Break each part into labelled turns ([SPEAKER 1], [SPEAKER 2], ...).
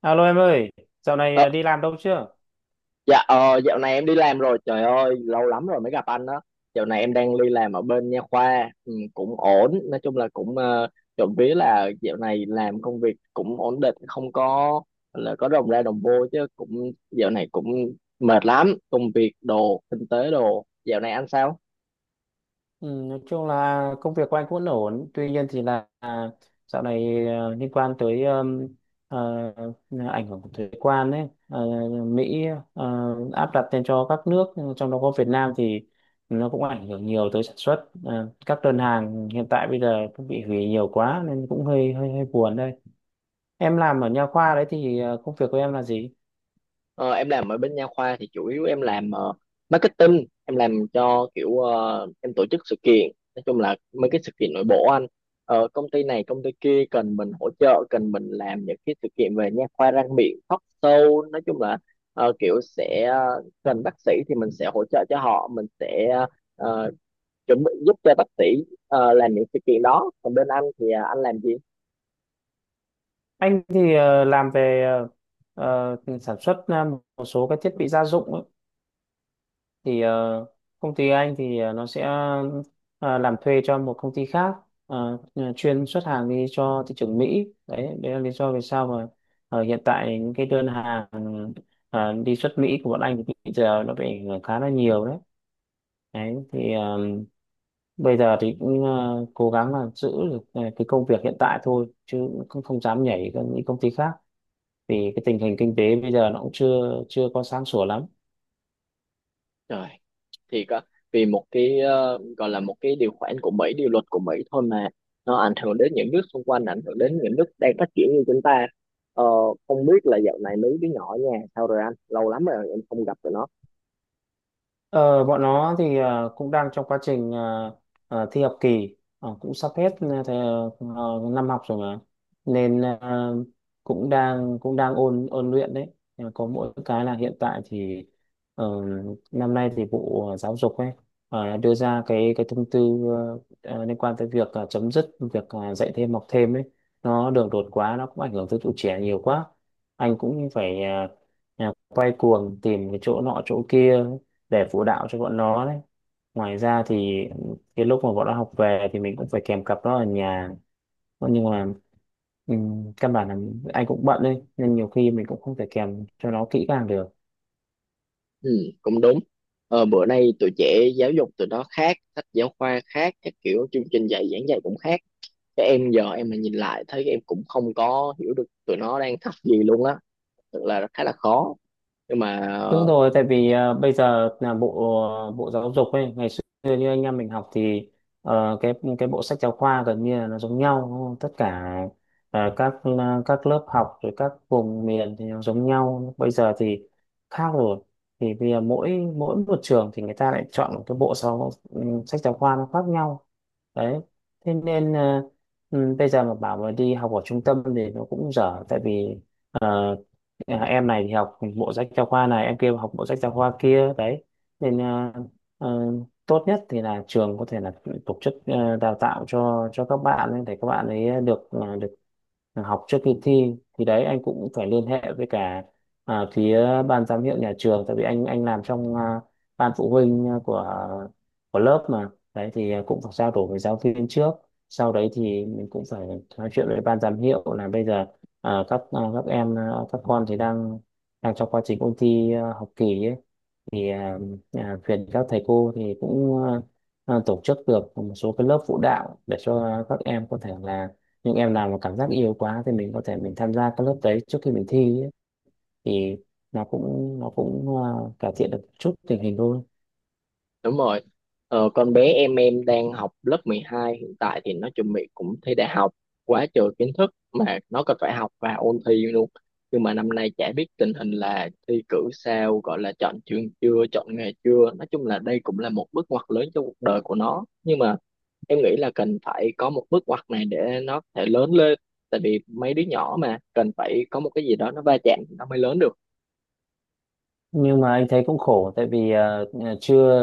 [SPEAKER 1] Alo em ơi, dạo này
[SPEAKER 2] Ờ,
[SPEAKER 1] đi làm đâu chưa?
[SPEAKER 2] dạ, dạo này em đi làm rồi, trời ơi lâu lắm rồi mới gặp anh đó. Dạo này em đang đi làm ở bên nha khoa, ừ, cũng ổn, nói chung là cũng trộm vía là dạo này làm công việc cũng ổn định, không có là có đồng ra đồng vô, chứ cũng dạo này cũng mệt lắm, công việc đồ, kinh tế đồ. Dạo này anh sao?
[SPEAKER 1] Ừ, nói chung là công việc của anh cũng vẫn ổn, tuy nhiên thì là dạo này liên quan tới à, ảnh hưởng của thuế quan ấy, à, Mỹ à, áp đặt lên cho các nước, trong đó có Việt Nam thì nó cũng ảnh hưởng nhiều tới sản xuất. À, các đơn hàng hiện tại bây giờ cũng bị hủy nhiều quá nên cũng hơi hơi hơi buồn đây. Em làm ở nha khoa đấy thì công việc của em là gì?
[SPEAKER 2] Ờ, em làm ở bên nha khoa thì chủ yếu em làm marketing, em làm cho kiểu, em tổ chức sự kiện, nói chung là mấy cái sự kiện nội bộ anh. Công ty này công ty kia cần mình hỗ trợ, cần mình làm những cái sự kiện về nha khoa răng miệng, talk show, nói chung là kiểu sẽ cần bác sĩ thì mình sẽ hỗ trợ cho họ, mình sẽ ờ, chuẩn bị giúp cho bác sĩ làm những sự kiện đó. Còn bên anh thì anh làm gì?
[SPEAKER 1] Anh thì làm về sản xuất một số các thiết bị gia dụng ấy. Thì công ty anh thì nó sẽ làm thuê cho một công ty khác ờ, chuyên xuất hàng đi cho thị trường Mỹ. Đấy, đấy là lý do vì sao mà hiện tại những cái đơn hàng đi xuất Mỹ của bọn anh thì bây giờ nó bị ảnh hưởng khá là nhiều đấy. Đấy, thì bây giờ thì cũng cố gắng là giữ được cái công việc hiện tại thôi chứ cũng không dám nhảy sang những công ty khác. Vì cái tình hình kinh tế bây giờ nó cũng chưa chưa có sáng sủa lắm.
[SPEAKER 2] Trời, thì có, vì một cái gọi là một cái điều khoản của Mỹ, điều luật của Mỹ thôi mà nó ảnh hưởng đến những nước xung quanh, ảnh hưởng đến những nước đang phát triển như chúng ta. Ờ, không biết là dạo này mấy đứa nhỏ ở nhà sao rồi anh? Lâu lắm rồi em không gặp tụi nó.
[SPEAKER 1] Ờ, Bọn nó thì cũng đang trong quá trình thi học kỳ. Cũng sắp hết năm học rồi mà nên cũng đang ôn ôn luyện đấy. Nhưng mà có mỗi cái là hiện tại thì ờ, năm nay thì Bộ Giáo dục ấy đưa ra cái thông tư liên quan tới việc chấm dứt việc dạy thêm học thêm ấy, nó đường đột quá nó cũng ảnh hưởng tới tụi trẻ nhiều quá. Anh cũng phải quay cuồng tìm cái chỗ nọ chỗ kia để phụ đạo cho bọn nó đấy. Ngoài ra thì cái lúc mà bọn nó học về thì mình cũng phải kèm cặp nó ở nhà. Thế nhưng mà căn bản là anh cũng bận đấy nên nhiều khi mình cũng không thể kèm cho nó kỹ càng được.
[SPEAKER 2] Ừ, cũng đúng. Ờ, bữa nay tụi trẻ giáo dục tụi nó khác, sách giáo khoa khác, các kiểu chương trình dạy giảng dạy cũng khác. Cái em giờ em mà nhìn lại thấy em cũng không có hiểu được tụi nó đang học gì luôn á. Thật là khá là khó. Nhưng mà
[SPEAKER 1] Đúng rồi, tại vì bây giờ là bộ bộ giáo dục ấy, ngày xưa như anh em mình học thì cái bộ sách giáo khoa gần như là nó giống nhau, đúng không? Tất cả các lớp học rồi các vùng miền thì nó giống nhau. Bây giờ thì khác rồi. Thì bây giờ mỗi mỗi một trường thì người ta lại chọn một cái bộ sách giáo khoa nó khác nhau. Đấy. Thế nên bây giờ mà bảo mà đi học ở trung tâm thì nó cũng dở tại vì ờ, À, em này thì học bộ sách giáo khoa này em kia học bộ sách giáo khoa kia đấy nên ờ, tốt nhất thì là trường có thể là tổ chức đào tạo cho các bạn ấy, để các bạn ấy được được học trước khi thi. Thì đấy anh cũng phải liên hệ với cả phía ban giám hiệu nhà trường tại vì anh làm trong ban phụ huynh của lớp mà đấy, thì cũng phải trao đổi với giáo viên trước, sau đấy thì mình cũng phải nói chuyện với ban giám hiệu là bây giờ các con thì đang đang trong quá trình ôn thi học kỳ ấy. Thì viện các thầy cô thì cũng tổ chức được một số cái lớp phụ đạo để cho các em có thể là những em nào mà cảm giác yêu quá thì mình có thể mình tham gia các lớp đấy trước khi mình thi ấy. Thì nó cũng cải thiện được chút tình hình thôi.
[SPEAKER 2] đúng rồi. Ờ, con bé em đang học lớp 12, hiện tại thì nó chuẩn bị cũng thi đại học, quá trời kiến thức mà nó còn phải học và ôn thi luôn. Nhưng mà năm nay chả biết tình hình là thi cử sao, gọi là chọn trường chưa, chọn nghề chưa. Nói chung là đây cũng là một bước ngoặt lớn trong cuộc đời của nó. Nhưng mà em nghĩ là cần phải có một bước ngoặt này để nó có thể lớn lên. Tại vì mấy đứa nhỏ mà cần phải có một cái gì đó nó va chạm thì nó mới lớn được.
[SPEAKER 1] Nhưng mà anh thấy cũng khổ tại vì ờ, ờ, chưa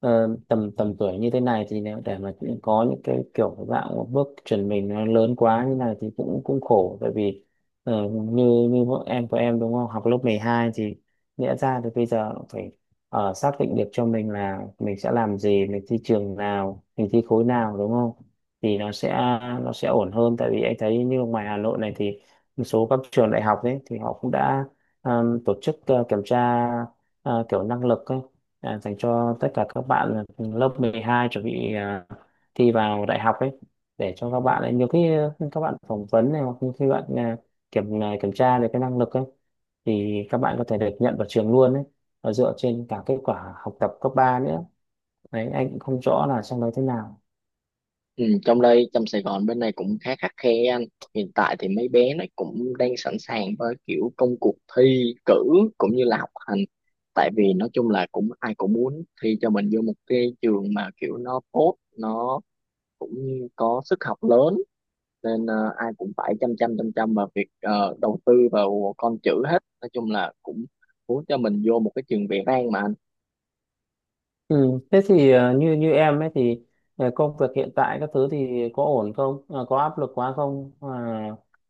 [SPEAKER 1] ờ, tầm tầm tuổi như thế này thì nếu để mà có những cái kiểu dạng bước chuẩn mình nó lớn quá như này thì cũng cũng khổ tại vì như như vợ em của em đúng không học lớp 12 thì nghĩa ra thì bây giờ cũng phải xác định được cho mình là mình sẽ làm gì mình thi trường nào mình thi khối nào đúng không thì nó sẽ ổn hơn tại vì anh thấy như ngoài Hà Nội này thì một số các trường đại học đấy thì họ cũng đã tổ chức kiểm tra kiểu năng lực ấy, dành cho tất cả các bạn lớp 12 chuẩn bị thi vào đại học ấy để cho các bạn ấy nhiều khi các bạn phỏng vấn này hoặc như khi bạn kiểm tra được cái năng lực ấy thì các bạn có thể được nhận vào trường luôn ấy và dựa trên cả kết quả học tập cấp 3 nữa. Đấy, anh cũng không rõ là trong đấy thế nào.
[SPEAKER 2] Ừ, trong đây trong Sài Gòn bên này cũng khá khắt khe anh. Hiện tại thì mấy bé nó cũng đang sẵn sàng với kiểu công cuộc thi cử cũng như là học hành, tại vì nói chung là cũng ai cũng muốn thi cho mình vô một cái trường mà kiểu nó tốt, nó cũng có sức học lớn, nên ai cũng phải chăm chăm vào việc đầu tư vào con chữ hết, nói chung là cũng muốn cho mình vô một cái trường vẻ vang mà.
[SPEAKER 1] Ừ. Thế thì như như em ấy thì công việc hiện tại các thứ thì có ổn không? Ờ, có áp lực quá không?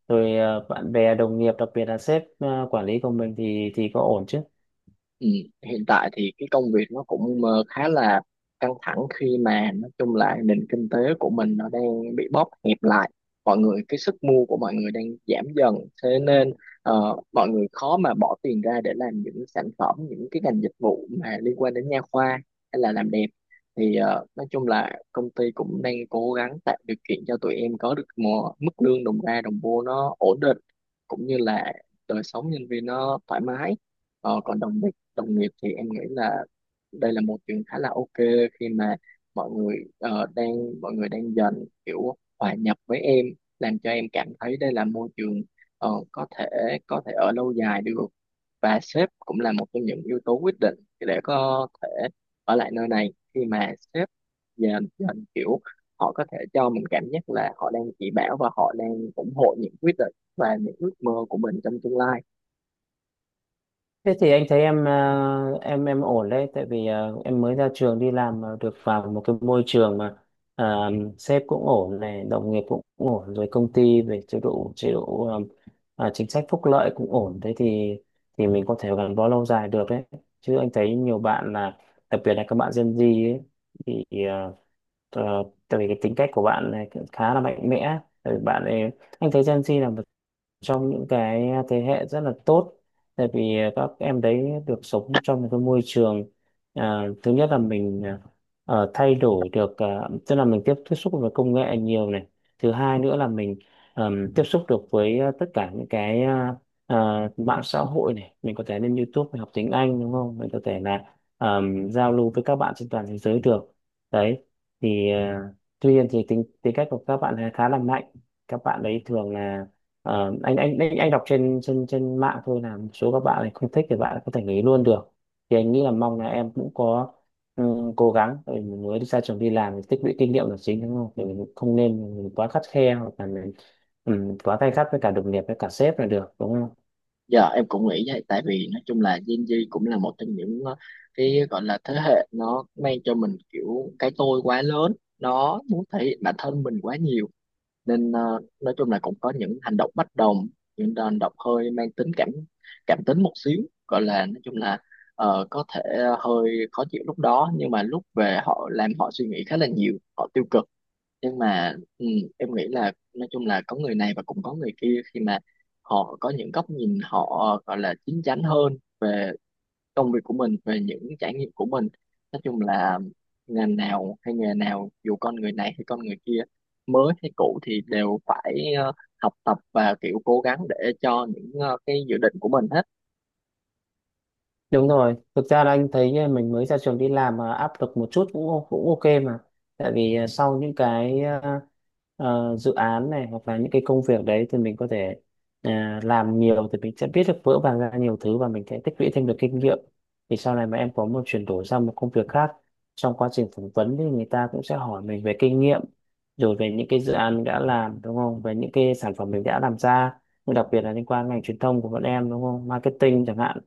[SPEAKER 1] Rồi bạn bè đồng nghiệp đặc biệt là sếp quản lý của mình thì có ổn chứ?
[SPEAKER 2] Ừ, hiện tại thì cái công việc nó cũng khá là căng thẳng, khi mà nói chung là nền kinh tế của mình nó đang bị bóp hẹp lại, mọi người cái sức mua của mọi người đang giảm dần, thế nên mọi người khó mà bỏ tiền ra để làm những sản phẩm, những cái ngành dịch vụ mà liên quan đến nha khoa hay là làm đẹp. Thì nói chung là công ty cũng đang cố gắng tạo điều kiện cho tụi em có được một mức lương đồng ra đồng vô nó ổn định, cũng như là đời sống nhân viên nó thoải mái. Ờ, còn đồng đồng nghiệp thì em nghĩ là đây là một chuyện khá là ok, khi mà đang mọi người đang dần kiểu hòa nhập với em, làm cho em cảm thấy đây là môi trường có thể, có thể ở lâu dài được. Và sếp cũng là một trong những yếu tố quyết định để có thể ở lại nơi này, khi mà sếp dần dần kiểu họ có thể cho mình cảm giác là họ đang chỉ bảo và họ đang ủng hộ những quyết định và những ước mơ của mình trong tương lai.
[SPEAKER 1] Thế thì anh thấy em em ổn đấy, tại vì em mới ra trường đi làm mà được vào một cái môi trường mà ờ, sếp cũng ổn này, đồng nghiệp cũng ổn, rồi công ty về chế độ chính sách phúc lợi cũng ổn, thế thì mình có thể gắn bó lâu dài được đấy. Chứ anh thấy nhiều bạn là đặc biệt là các bạn Gen Z ấy, thì tại vì cái tính cách của bạn này cũng khá là mạnh mẽ, tại vì bạn ấy anh thấy Gen Z là một trong những cái thế hệ rất là tốt tại vì các em đấy được sống trong một cái môi trường, thứ nhất là mình thay đổi được, tức là mình tiếp tiếp xúc với công nghệ nhiều này, thứ hai nữa là mình tiếp xúc được với tất cả những cái mạng xã hội này, mình có thể lên YouTube mình học tiếng Anh đúng không, mình có thể là giao lưu với các bạn trên toàn thế giới được đấy. Thì tuy nhiên thì tính tính cách của các bạn ấy khá là mạnh, các bạn đấy thường là anh đọc trên trên trên mạng thôi là một số các bạn này không thích thì bạn có thể nghỉ luôn được. Thì anh nghĩ là mong là em cũng có ừ, cố gắng tại vì mình mới đi ra trường đi làm thì tích lũy kinh nghiệm là chính đúng không, thì mình không nên mình quá khắt khe hoặc là mình quá tay khắt với cả đồng nghiệp với cả sếp là được đúng không.
[SPEAKER 2] Dạ em cũng nghĩ vậy, tại vì nói chung là Gen Z cũng là một trong những cái gọi là thế hệ nó mang cho mình kiểu cái tôi quá lớn, nó muốn thể hiện bản thân mình quá nhiều, nên nói chung là cũng có những hành động bất đồng, những hành động hơi mang tính cảm, cảm tính một xíu, gọi là nói chung là có thể hơi khó chịu lúc đó, nhưng mà lúc về họ làm họ suy nghĩ khá là nhiều, họ tiêu cực. Nhưng mà ừ, em nghĩ là nói chung là có người này và cũng có người kia, khi mà họ có những góc nhìn họ gọi là chín chắn hơn về công việc của mình, về những trải nghiệm của mình. Nói chung là ngành nào hay nghề nào, dù con người này hay con người kia, mới hay cũ thì đều phải học tập và kiểu cố gắng để cho những cái dự định của mình hết.
[SPEAKER 1] Đúng rồi, thực ra là anh thấy mình mới ra trường đi làm mà áp lực một chút cũng cũng ok mà. Tại vì sau những cái dự án này hoặc là những cái công việc đấy thì mình có thể ờ, làm nhiều thì mình sẽ biết được vỡ vàng ra nhiều thứ và mình sẽ tích lũy thêm được kinh nghiệm. Thì sau này mà em có một chuyển đổi sang một công việc khác, trong quá trình phỏng vấn thì người ta cũng sẽ hỏi mình về kinh nghiệm rồi về những cái dự án mình đã làm đúng không? Về những cái sản phẩm mình đã làm ra. Nhưng đặc biệt là liên quan ngành truyền thông của bọn em đúng không? Marketing chẳng hạn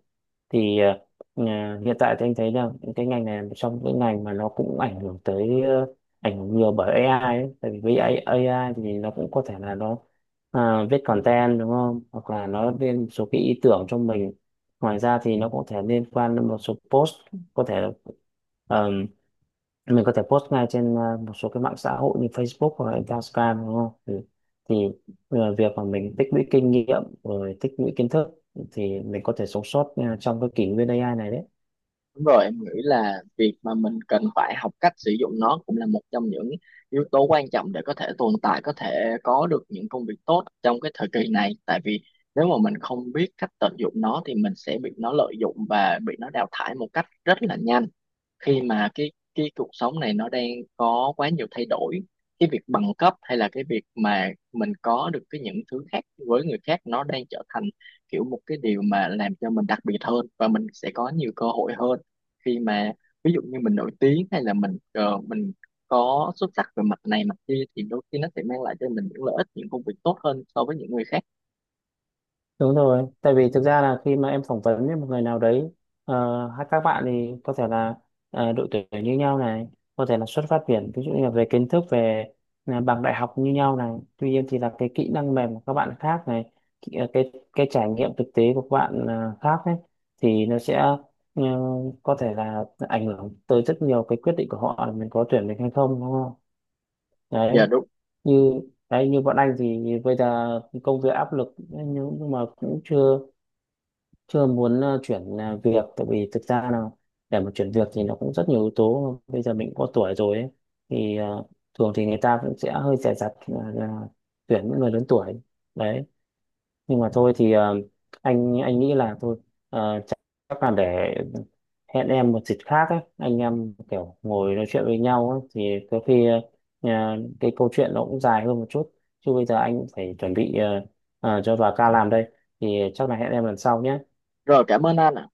[SPEAKER 1] thì hiện tại thì anh thấy là cái ngành này là một trong những ngành mà nó cũng ảnh hưởng tới ảnh hưởng nhiều bởi AI ấy. Tại vì với AI thì nó cũng có thể là nó viết content đúng không, hoặc là nó lên một số cái ý tưởng cho mình, ngoài ra thì nó cũng có thể liên quan đến một số post, có thể mình có thể post ngay trên một số cái mạng xã hội như Facebook hoặc là Instagram đúng không, thì việc mà mình tích lũy kinh nghiệm rồi tích lũy kiến thức thì mình có thể sống sót trong cái kỷ nguyên AI này đấy.
[SPEAKER 2] Đúng rồi, em nghĩ là việc mà mình cần phải học cách sử dụng nó cũng là một trong những yếu tố quan trọng để có thể tồn tại, có thể có được những công việc tốt trong cái thời kỳ này. Tại vì nếu mà mình không biết cách tận dụng nó thì mình sẽ bị nó lợi dụng và bị nó đào thải một cách rất là nhanh, khi mà cái cuộc sống này nó đang có quá nhiều thay đổi. Cái việc bằng cấp hay là cái việc mà mình có được cái những thứ khác với người khác, nó đang trở thành kiểu một cái điều mà làm cho mình đặc biệt hơn và mình sẽ có nhiều cơ hội hơn, khi mà ví dụ như mình nổi tiếng hay là mình có xuất sắc về mặt này mặt kia thì đôi khi nó sẽ mang lại cho mình những lợi ích, những công việc tốt hơn so với những người khác.
[SPEAKER 1] Đúng rồi, tại vì thực ra là khi mà em phỏng vấn với một người nào đấy, hay các bạn thì có thể là độ tuổi như nhau này, có thể là xuất phát điểm, ví dụ như là về kiến thức, về bằng đại học như nhau này, tuy nhiên thì là cái kỹ năng mềm của các bạn khác này, cái trải nghiệm thực tế của các bạn khác ấy, thì nó sẽ ờ, có thể là ảnh hưởng tới rất nhiều cái quyết định của họ là mình có tuyển mình hay không, đúng không? Đấy,
[SPEAKER 2] Dạ đúng
[SPEAKER 1] như đấy như bọn anh thì bây giờ công việc áp lực nhưng mà cũng chưa chưa muốn chuyển việc tại vì thực ra là để mà chuyển việc thì nó cũng rất nhiều yếu tố bây giờ mình có tuổi rồi ấy. Thì thường thì người ta cũng sẽ hơi dè dặt là tuyển những người lớn tuổi đấy. Nhưng mà thôi thì anh nghĩ là thôi chắc chắc là để hẹn em một dịp khác ấy, anh em kiểu ngồi nói chuyện với nhau ấy, thì có khi ờ, cái câu chuyện nó cũng dài hơn một chút, chứ bây giờ anh cũng phải chuẩn bị cho bà ca làm đây, thì chắc là hẹn em lần sau nhé.
[SPEAKER 2] rồi, cảm ơn anh ạ.